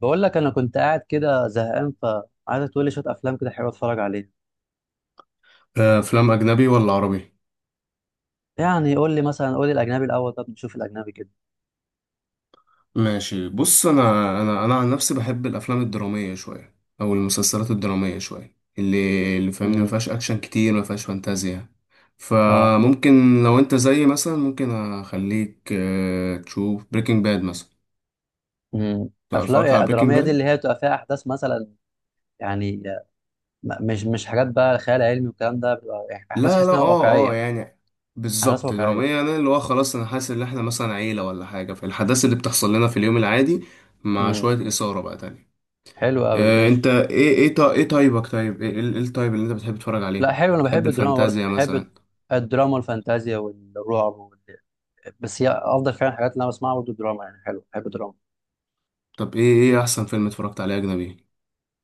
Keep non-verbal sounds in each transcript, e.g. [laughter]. بقول لك انا كنت قاعد كده زهقان فعايزك تقول لي شويه افلام كده حلوه اتفرج عليها. افلام اجنبي ولا عربي؟ يعني قول لي مثلا، قول لي الاجنبي الاول. طب نشوف الاجنبي كده. ماشي، بص انا. انا عن نفسي بحب الافلام الدراميه شويه، او المسلسلات الدراميه شويه، اللي فاهمني، ما امم فيهاش اكشن كتير، ما فيهاش فانتازيا. اه. فممكن لو انت زيي مثلا ممكن اخليك تشوف بريكنج باد مثلا. افلام اتفرجت على بريكنج الدراميه دي اللي باد. هي بتبقى فيها احداث مثلا، يعني مش حاجات بقى خيال علمي والكلام ده، بتبقى يعني احداث لا تحس لا، انها اه اه، واقعيه. يعني احداث بالظبط واقعيه. دراميه، يعني اللي هو خلاص انا حاسس ان احنا مثلا عيله ولا حاجه، فالأحداث اللي بتحصل لنا في اليوم العادي مع شويه امم اثاره بقى تانية. حلو قوي، انت ماشي. ايه طيبك، طيب إيه الطيب اللي انت بتحب تتفرج لا عليه؟ حلو، انا تحب بحب الدراما برضه. الفانتازيا بحب مثلا؟ الدراما والفانتازيا والرعب وال... بس هي افضل فعلا الحاجات اللي انا بسمعها برضه الدراما. يعني حلو، بحب الدراما. طب ايه احسن فيلم اتفرجت عليه اجنبي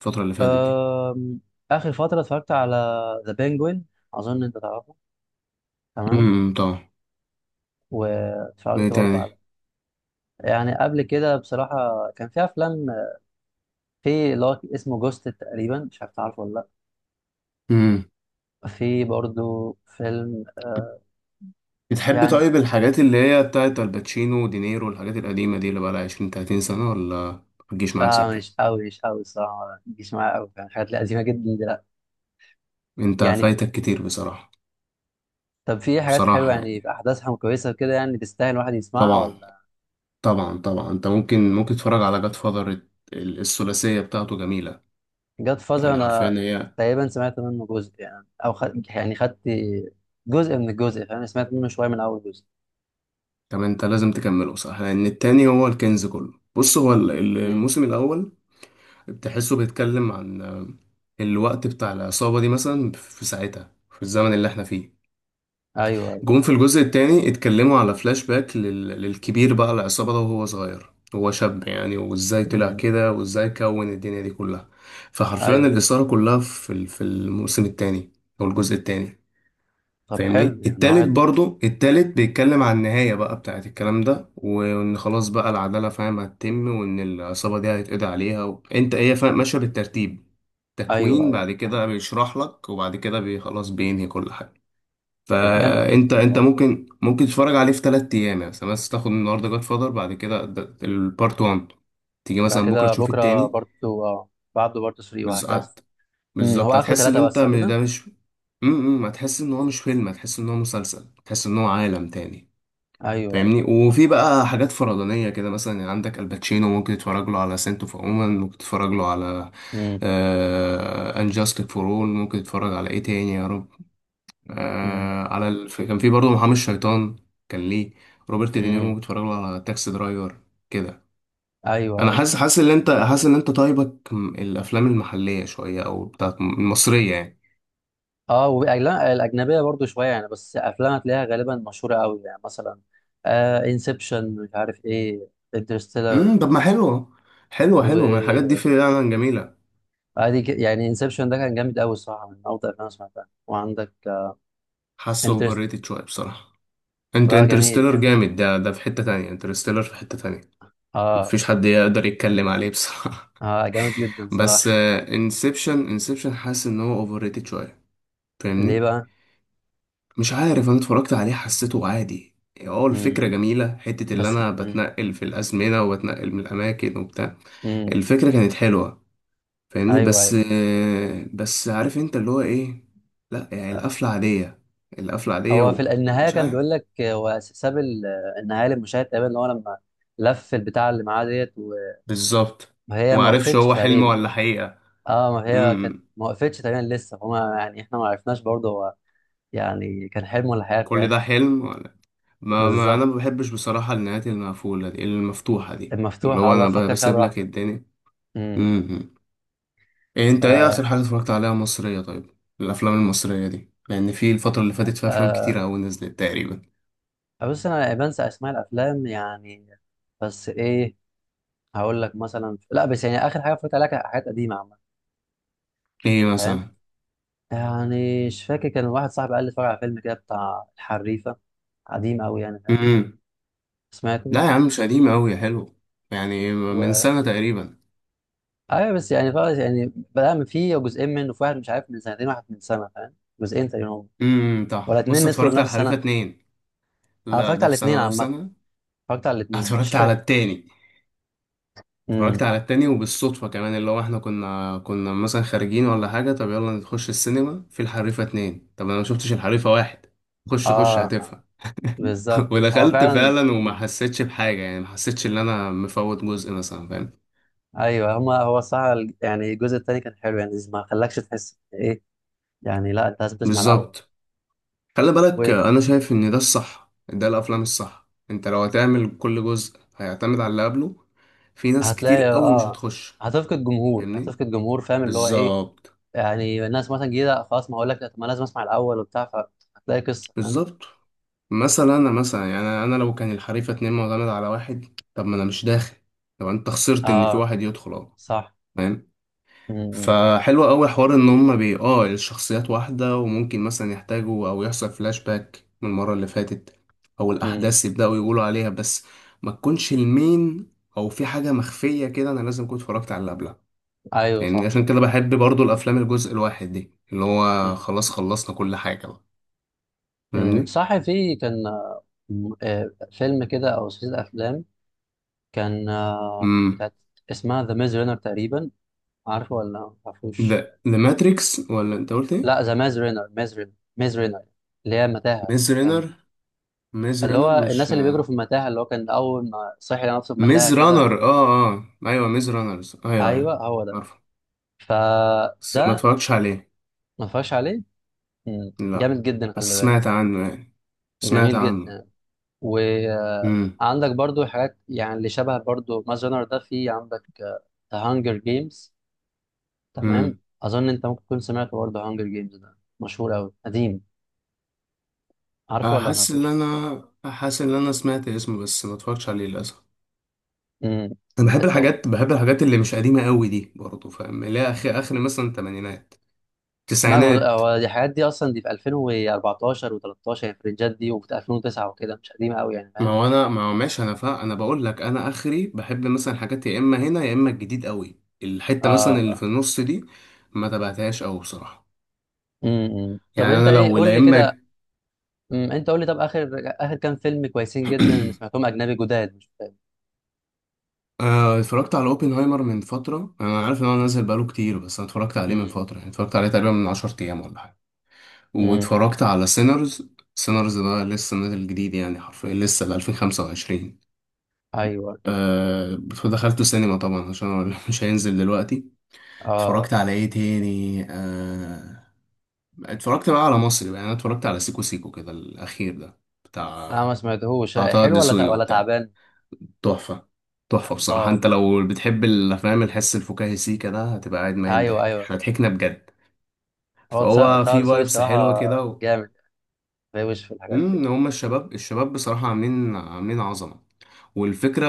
الفترة اللي فاتت دي؟ أم... آخر فترة اتفرجت على ذا بينجوين. أظن أنت تعرفه. تمام. امم، طبعا. واتفرجت ايه برضه على، تاني؟ يعني قبل كده بصراحة كان في أفلام، في اللي هو اسمه جوست تقريبا. مش عارف تعرفه ولا امم، لأ. في برضه فيلم بتحب يعني طيب الحاجات اللي هي بتاعت الباتشينو ودينيرو والحاجات القديمة دي، اللي بقالها 20 30 سنة، ولا متجيش معاك آه، مش سكة؟ أوي مش أوي الصراحة. ما بيجيش معايا أوي يعني حاجات لذيذة جدا دلوقتي. انت يعني في... فايتك كتير بصراحة. طب في حاجات حلوة بصراحة يعني يعني، أحداثها كويسة كده، يعني تستاهل الواحد يسمعها طبعا ولا؟ طبعا طبعا، انت ممكن تتفرج على جاد فاذر، الثلاثية بتاعته جميلة. جاد فازر يعني حرفيا انا هي. تقريبا سمعت منه جزء، يعني او خد... يعني خدت جزء من الجزء، فاهم؟ سمعت منه شويه من اول جزء. طب انت لازم تكمله صح، لان التاني هو الكنز كله. بص، هو مم. الموسم الاول بتحسه بيتكلم عن الوقت بتاع العصابة دي مثلا في ساعتها، في الزمن اللي احنا فيه. ايوه ايوه. جم في الجزء التاني اتكلموا على فلاش باك للكبير بقى العصابة ده وهو صغير، هو شاب يعني، وازاي طلع مم. كده وازاي كون الدنيا دي كلها. فحرفيا ايوه. الإثارة كلها في الموسم التاني، او الجزء التاني. طب فاهمني. حلو، يعني التالت واحد. برضو، التالت بيتكلم عن النهاية بقى بتاعت الكلام ده، وإن خلاص بقى العدالة فاهم هتتم، وإن العصابة دي هيتقضي عليها أنت إيه فاهم، ماشية بالترتيب، ايوه تكوين ايوه، بعد كده فاهم. بيشرح لك، وبعد كده بي خلاص بينهي كل حاجة. طب جامد جدا فأنت الموضوع ده. ممكن تتفرج عليه في تلات أيام يعني مثلا. بس تاخد النهاردة جاد فاذر بعد كده، البارت 1، تيجي بعد مثلا بكرة كده تشوف بكره التاني. بارتو، اه. بعده بارتو 3 بس وهكذا. مم. هو بالظبط اخره هتحس ان ثلاثه بس صح كده؟ ده مش... امم، هتحس ان هو مش فيلم، هتحس ان هو مسلسل، هتحس ان هو عالم تاني. ايوه ايوه. فاهمني. وفي بقى حاجات فرضانية كده مثلا، يعني عندك الباتشينو ممكن تتفرج له على سنت اوف وومن، ممكن تتفرج له على مم. انجاستك فور اول، ممكن تتفرج على ايه تاني يا رب. مم. آه، كان في برضه محامي الشيطان. كان ليه روبرت دينيرو، مم. ممكن تتفرج له على تاكسي درايفر كده. انا ايوه. حاسس ان انت حاسس ان انت الافلام المحلية شوية، او بتاعت المصرية يعني. اه، والاجنبيه الاجنبيه برضو شويه يعني. بس افلام هتلاقيها غالبا مشهوره قوي يعني، مثلا آه انسبشن، مش عارف ايه، انترستيلر، امم، طب ما حلو. حلوه، حلوه من الحاجات دي وعادي. فعلا، جميله. يعني انسبشن ده كان جامد قوي الصراحه، من افضل الافلام اللي سمعتها. وعندك حاسه اوفر انترست. ريتد شويه بصراحه. انت لا، جميل انترستيلر جميل. جامد، ده في حته تانية، انترستيلر في حته تانية، اه. مفيش حد يقدر يتكلم عليه بصراحه. اه، جامد جدا [laughs] بس صراحه. انسبشن حاسس ان هو اوفر ريتد شويه، ليه فاهمني. بقى؟ مش عارف، انا اتفرجت عليه حسيته عادي. اه الفكره مم. جميله، حته اللي بس انا مم. بتنقل في الازمنه وبتنقل من الاماكن وبتاع، مم. الفكره كانت حلوه فاهمني. ايوه بس ايوه. بس عارف انت اللي هو ايه، لا يعني آه. القفلة عادية، القفلة عادية. هو في النهايه ومش كان عارف بيقول لك، هو ساب ال- النهايه للمشاهد تقريبا، ان هو لما لف البتاع اللي معاه ديت، بالظبط، وهي ما ومعرفش وقفتش هو حلم تقريبا. ولا حقيقة. اه، ما هي كانت امم، ما وقفتش تقريبا لسه، فما يعني احنا ما عرفناش برضه هو يعني كان حلم ولا حياة في كل ده الاخر. حلم ولا. ما انا بالظبط. ما بحبش بصراحة النهايات المقفولة دي، المفتوحة دي، اللي المفتوحة، هو الله، انا فكر فيها بسيب لك براحتك. الدنيا. امم. امم. إيه، ف، انت ايه اخر حاجة اتفرجت عليها مصرية؟ طيب الافلام المصرية دي، لان في الفترة اللي فاتت فيها افلام آه. كتيرة اوي نزلت تقريبا. بص انا بنسى اسماء الافلام يعني. بس ايه، هقول لك مثلا، لا بس يعني اخر حاجه اتفرجت عليها كانت حاجات قديمه عامه، ايه فاهم؟ مثلا؟ يعني مش فاكر، كان واحد صاحبي قال لي اتفرج على فيلم كده بتاع الحريفه. قديم قوي يعني، فاهم؟ سمعته. لا يا عم مش قديمة أوي يا حلو، يعني من سنة تقريبا. ايوه، بس يعني خلاص يعني. بدأنا من، فيه جزئين منه، في واحد مش عارف من سنتين، واحد من سنه، فاهم؟ جزئين تقريبا هم. امم، ولا صح. اتنين بص، نزلوا في اتفرجت على نفس الحريفة السنه. اتنين. انا لا، اتفرجت ده على في الاتنين سنة ده في عامه. سنة. اتفرجت على [laughs] الاتنين مش اتفرجت على فاكر. التاني، امم. اتفرجت على التاني وبالصدفة كمان، اللي هو احنا كنا مثلا خارجين ولا حاجة، طب يلا نخش السينما في الحريفة اتنين، طب انا ما شفتش الحريفة واحد. خش خش اه. آه، هتفهم. [laughs] بالظبط هو ودخلت فعلا. فعلا وما مم. حسيتش بحاجة يعني، ما حسيتش ان انا مفوت جزء مثلا فاهم؟ ايوه هما، هو الصراحه ال- يعني الجزء التاني كان حلو، يعني ما خلاكش تحس ايه يعني. لا، انت لازم تسمع الاول. بالظبط. خلي بالك انا شايف ان ده الصح، ده الافلام الصح. انت لو هتعمل كل جزء هيعتمد على اللي قبله، في ناس كتير وهتلاقي قوي مش اه، هتخش هتفقد جمهور، فاهمني. هتفقد جمهور، فاهم؟ اللي هو ايه، بالظبط. يعني الناس مثلا جديده خلاص، ما اقول لك لا، طب ما لازم اسمع الاول وبتاع، فهتلاقي قصه، فاهم؟ بالظبط مثلا، انا مثلا يعني، انا لو كان الحريفه اتنين معتمد على واحد، طب ما انا مش داخل. طب انت خسرت ان في اه، واحد يدخل اهو. صح. فاهم؟ مم. فحلو قوي حوار ان هما بي اه الشخصيات واحدة، وممكن مثلا يحتاجوا او يحصل فلاش باك من المرة اللي فاتت، او مم. الاحداث يبدأوا يقولوا عليها بس، ما تكونش المين، او في حاجة مخفية كده انا لازم كنت اتفرجت على اللي قبلها. ايوه فاهمني. صح. عشان كده بحب برضو الافلام الجزء الواحد دي، اللي هو مم. خلاص خلصنا كل حاجة بقى. مم. فاهمني. صح. في كان فيلم كده او سلسله افلام. كان آه، امم، بتاعت، اسمها ذا ميز رينر تقريبا. عارفه ولا ما تعرفوش؟ ده ذا ماتريكس، ولا انت قلت لا، ايه؟ ذا ميز رينر، ميز رينر، ميز رينر، اللي هي متاهه. ميز كان رينر، ميز اللي رينر هو مش الناس اللي بيجروا في المتاهه، اللي هو كان اول ما صحي لقى نفسه في ميز متاهه كده. رانر؟ اه اه، ايوه، ميز رانرز، ايوه ايوه، ايوه هو ده. عارفه. بس ما فده، اتفرجتش عليه ما فيهاش عليه. مم. لا، جامد جدا، خلي بس بالك. سمعت عنه يعني، سمعت جميل عنه. جدا. امم. وعندك برضو حاجات يعني اللي شبه برضو ماز رانر ده، في عندك ذا هانجر جيمز. تمام، امم، اظن انت ممكن تكون سمعت برضو هانجر جيمز، ده مشهور قوي قديم. عارفه ولا ما حاسس ان تعرفوش؟ انا، حاسس ان انا سمعت اسمه بس ما اتفرجتش عليه للاسف. امم. انا بحب طب الحاجات، بحب الحاجات اللي مش قديمه قوي دي برضه فاهم، اللي هي اخر اخر مثلا تمانينات ما هو، تسعينات. هو دي الحاجات دي اصلا دي في 2014 و13، يعني في الرنجات دي وفي 2009 وكده. مش قديمه قوي يعني، ما فاهم؟ هو انا ما هو ماشي، انا فا انا بقول لك، انا اخري بحب مثلا حاجات يا اما هنا يا اما الجديد قوي، الحته اه مثلا اللي في اه. النص دي ما تبعتهاش قوي بصراحه. امم، طب يعني انت انا ايه، لو قول لا لي كده. اما أمم، انت قول لي، طب اخر، اخر كام فيلم كويسين جدا اللي [clears throat] سمعتهم اجنبي جداد، مش فاهم. اتفرجت على اوبنهايمر من فترة، انا عارف ان هو نازل بقاله كتير بس انا اتفرجت عليه من امم. فترة، يعني اتفرجت عليه تقريبا من 10 ايام ولا حاجة. امم. واتفرجت على سينرز. سينرز ده لسه نازل جديد يعني، حرفيا لسه ل 2025. ايوه. أه. دخلته سينما طبعا عشان هو [laughs] مش هينزل دلوقتي. اه. اتفرجت على ايه تاني؟ أه اتفرجت بقى على مصري بقى، يعني انا اتفرجت على سيكو سيكو كده الاخير ده، بتاع، لا، ما سمعتهوش. بتاع طه حلو ولا دسوقي، ولا وبتاع تعبان؟ تحفة، تحفة لا بصراحة. انت والله. لو بتحب الافلام الحس الفكاهي سيكا ده هتبقى قاعد ميت ايوه ضحك، ايوه. احنا ضحكنا بجد. هو فهو طه في دسوقي فايبس حلوة صراحه كده و... جامد. بيوش في الحاجات دي. امم، هما الشباب، الشباب بصراحة عاملين عظمة والفكرة.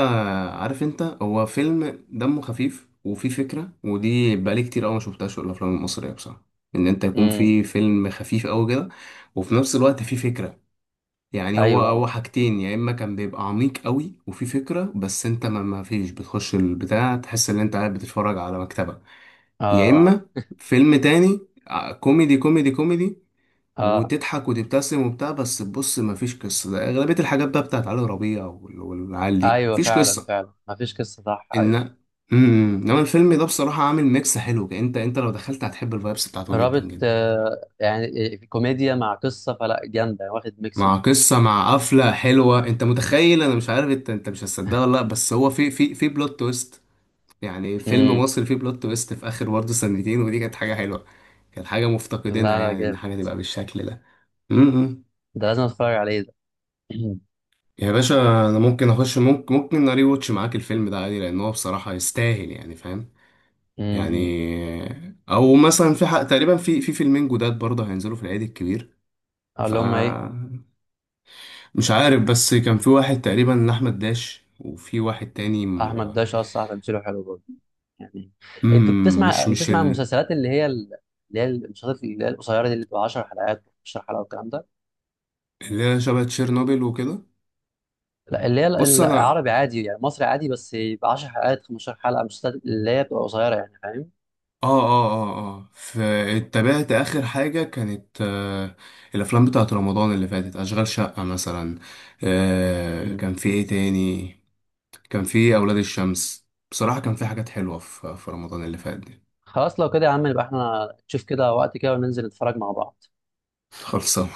عارف انت، هو فيلم دمه خفيف وفيه فكرة، ودي بقالي كتير قوي ما شفتهاش في الافلام المصرية بصراحة، ان انت يكون امم. في فيلم خفيف قوي كده وفي نفس الوقت فيه فكرة. يعني هو ايوه هو ايوه. حاجتين، يا اما كان بيبقى عميق قوي وفي فكره بس انت ما فيش بتخش البتاع تحس ان انت قاعد بتتفرج على مكتبه، يا اه اما فيلم تاني كوميدي كوميدي كوميدي، اه. وتضحك وتبتسم وبتاع، بس بص ما فيش قصه، ده اغلبيه الحاجات بقى بتاعت علي ربيع والعيال دي ايوه، مفيش فعلا قصه. فعلا ما فيش قصه، صح، ايوه. ان امم، انما الفيلم ده بصراحه عامل ميكس حلو. انت انت لو دخلت هتحب الفايبس بتاعته جدا رابط جدا، آه يعني، في كوميديا مع قصه، فلا جامده يعني، واخد ميكس. مع قصة، مع قفلة حلوة. انت متخيل، انا مش عارف انت انت مش هتصدقها ولا لا، بس هو في بلوت تويست، يعني فيلم امم. مصري فيه بلوت تويست في اخر برضه سنتين، ودي كانت حاجة حلوة، كانت حاجة مفتقدينها، لا لا يعني ان جامد، حاجة تبقى بالشكل ده. امم. ده لازم اتفرج عليه ده. [clears throat] يا باشا، انا ممكن اخش، ممكن اري واتش معاك الفيلم ده عادي، لان هو بصراحة يستاهل يعني فاهم. امم. يعني او مثلا في حق تقريبا، في فيلمين جداد برضه هينزلوا في العيد الكبير. ف اللي هم ايه؟ مش عارف، بس كان في واحد تقريبا احمد داش، وفي واحد تاني م... احمد داش اصلا تمثيله حلو برضه يعني. انت مم، مش بتسمع، مش بتسمع ال... المسلسلات اللي هي ال- اللي هي المسلسلات اللي هي القصيره دي اللي بتبقى 10 حلقات، 15 حلقه والكلام ده؟ اللي هي شبه تشيرنوبل وكده. لا، اللي هي بص ال- انا العربي عادي يعني، مصري عادي، بس يبقى 10 حلقات، 15 حلقه، مسلسلات اللي هي بتبقى قصيره يعني، فاهم؟ اه اه اه ف- اتبعت اخر حاجه كانت آه، الافلام بتاعت رمضان اللي فاتت، اشغال شقه مثلا. آه مم. كان في ايه تاني، كان في اولاد الشمس. بصراحه كان في حاجات حلوه في رمضان اللي فات دي. خلاص لو كده يا عم، يبقى احنا نشوف كده وقت كده وننزل نتفرج مع بعض. [laughs] خلصان.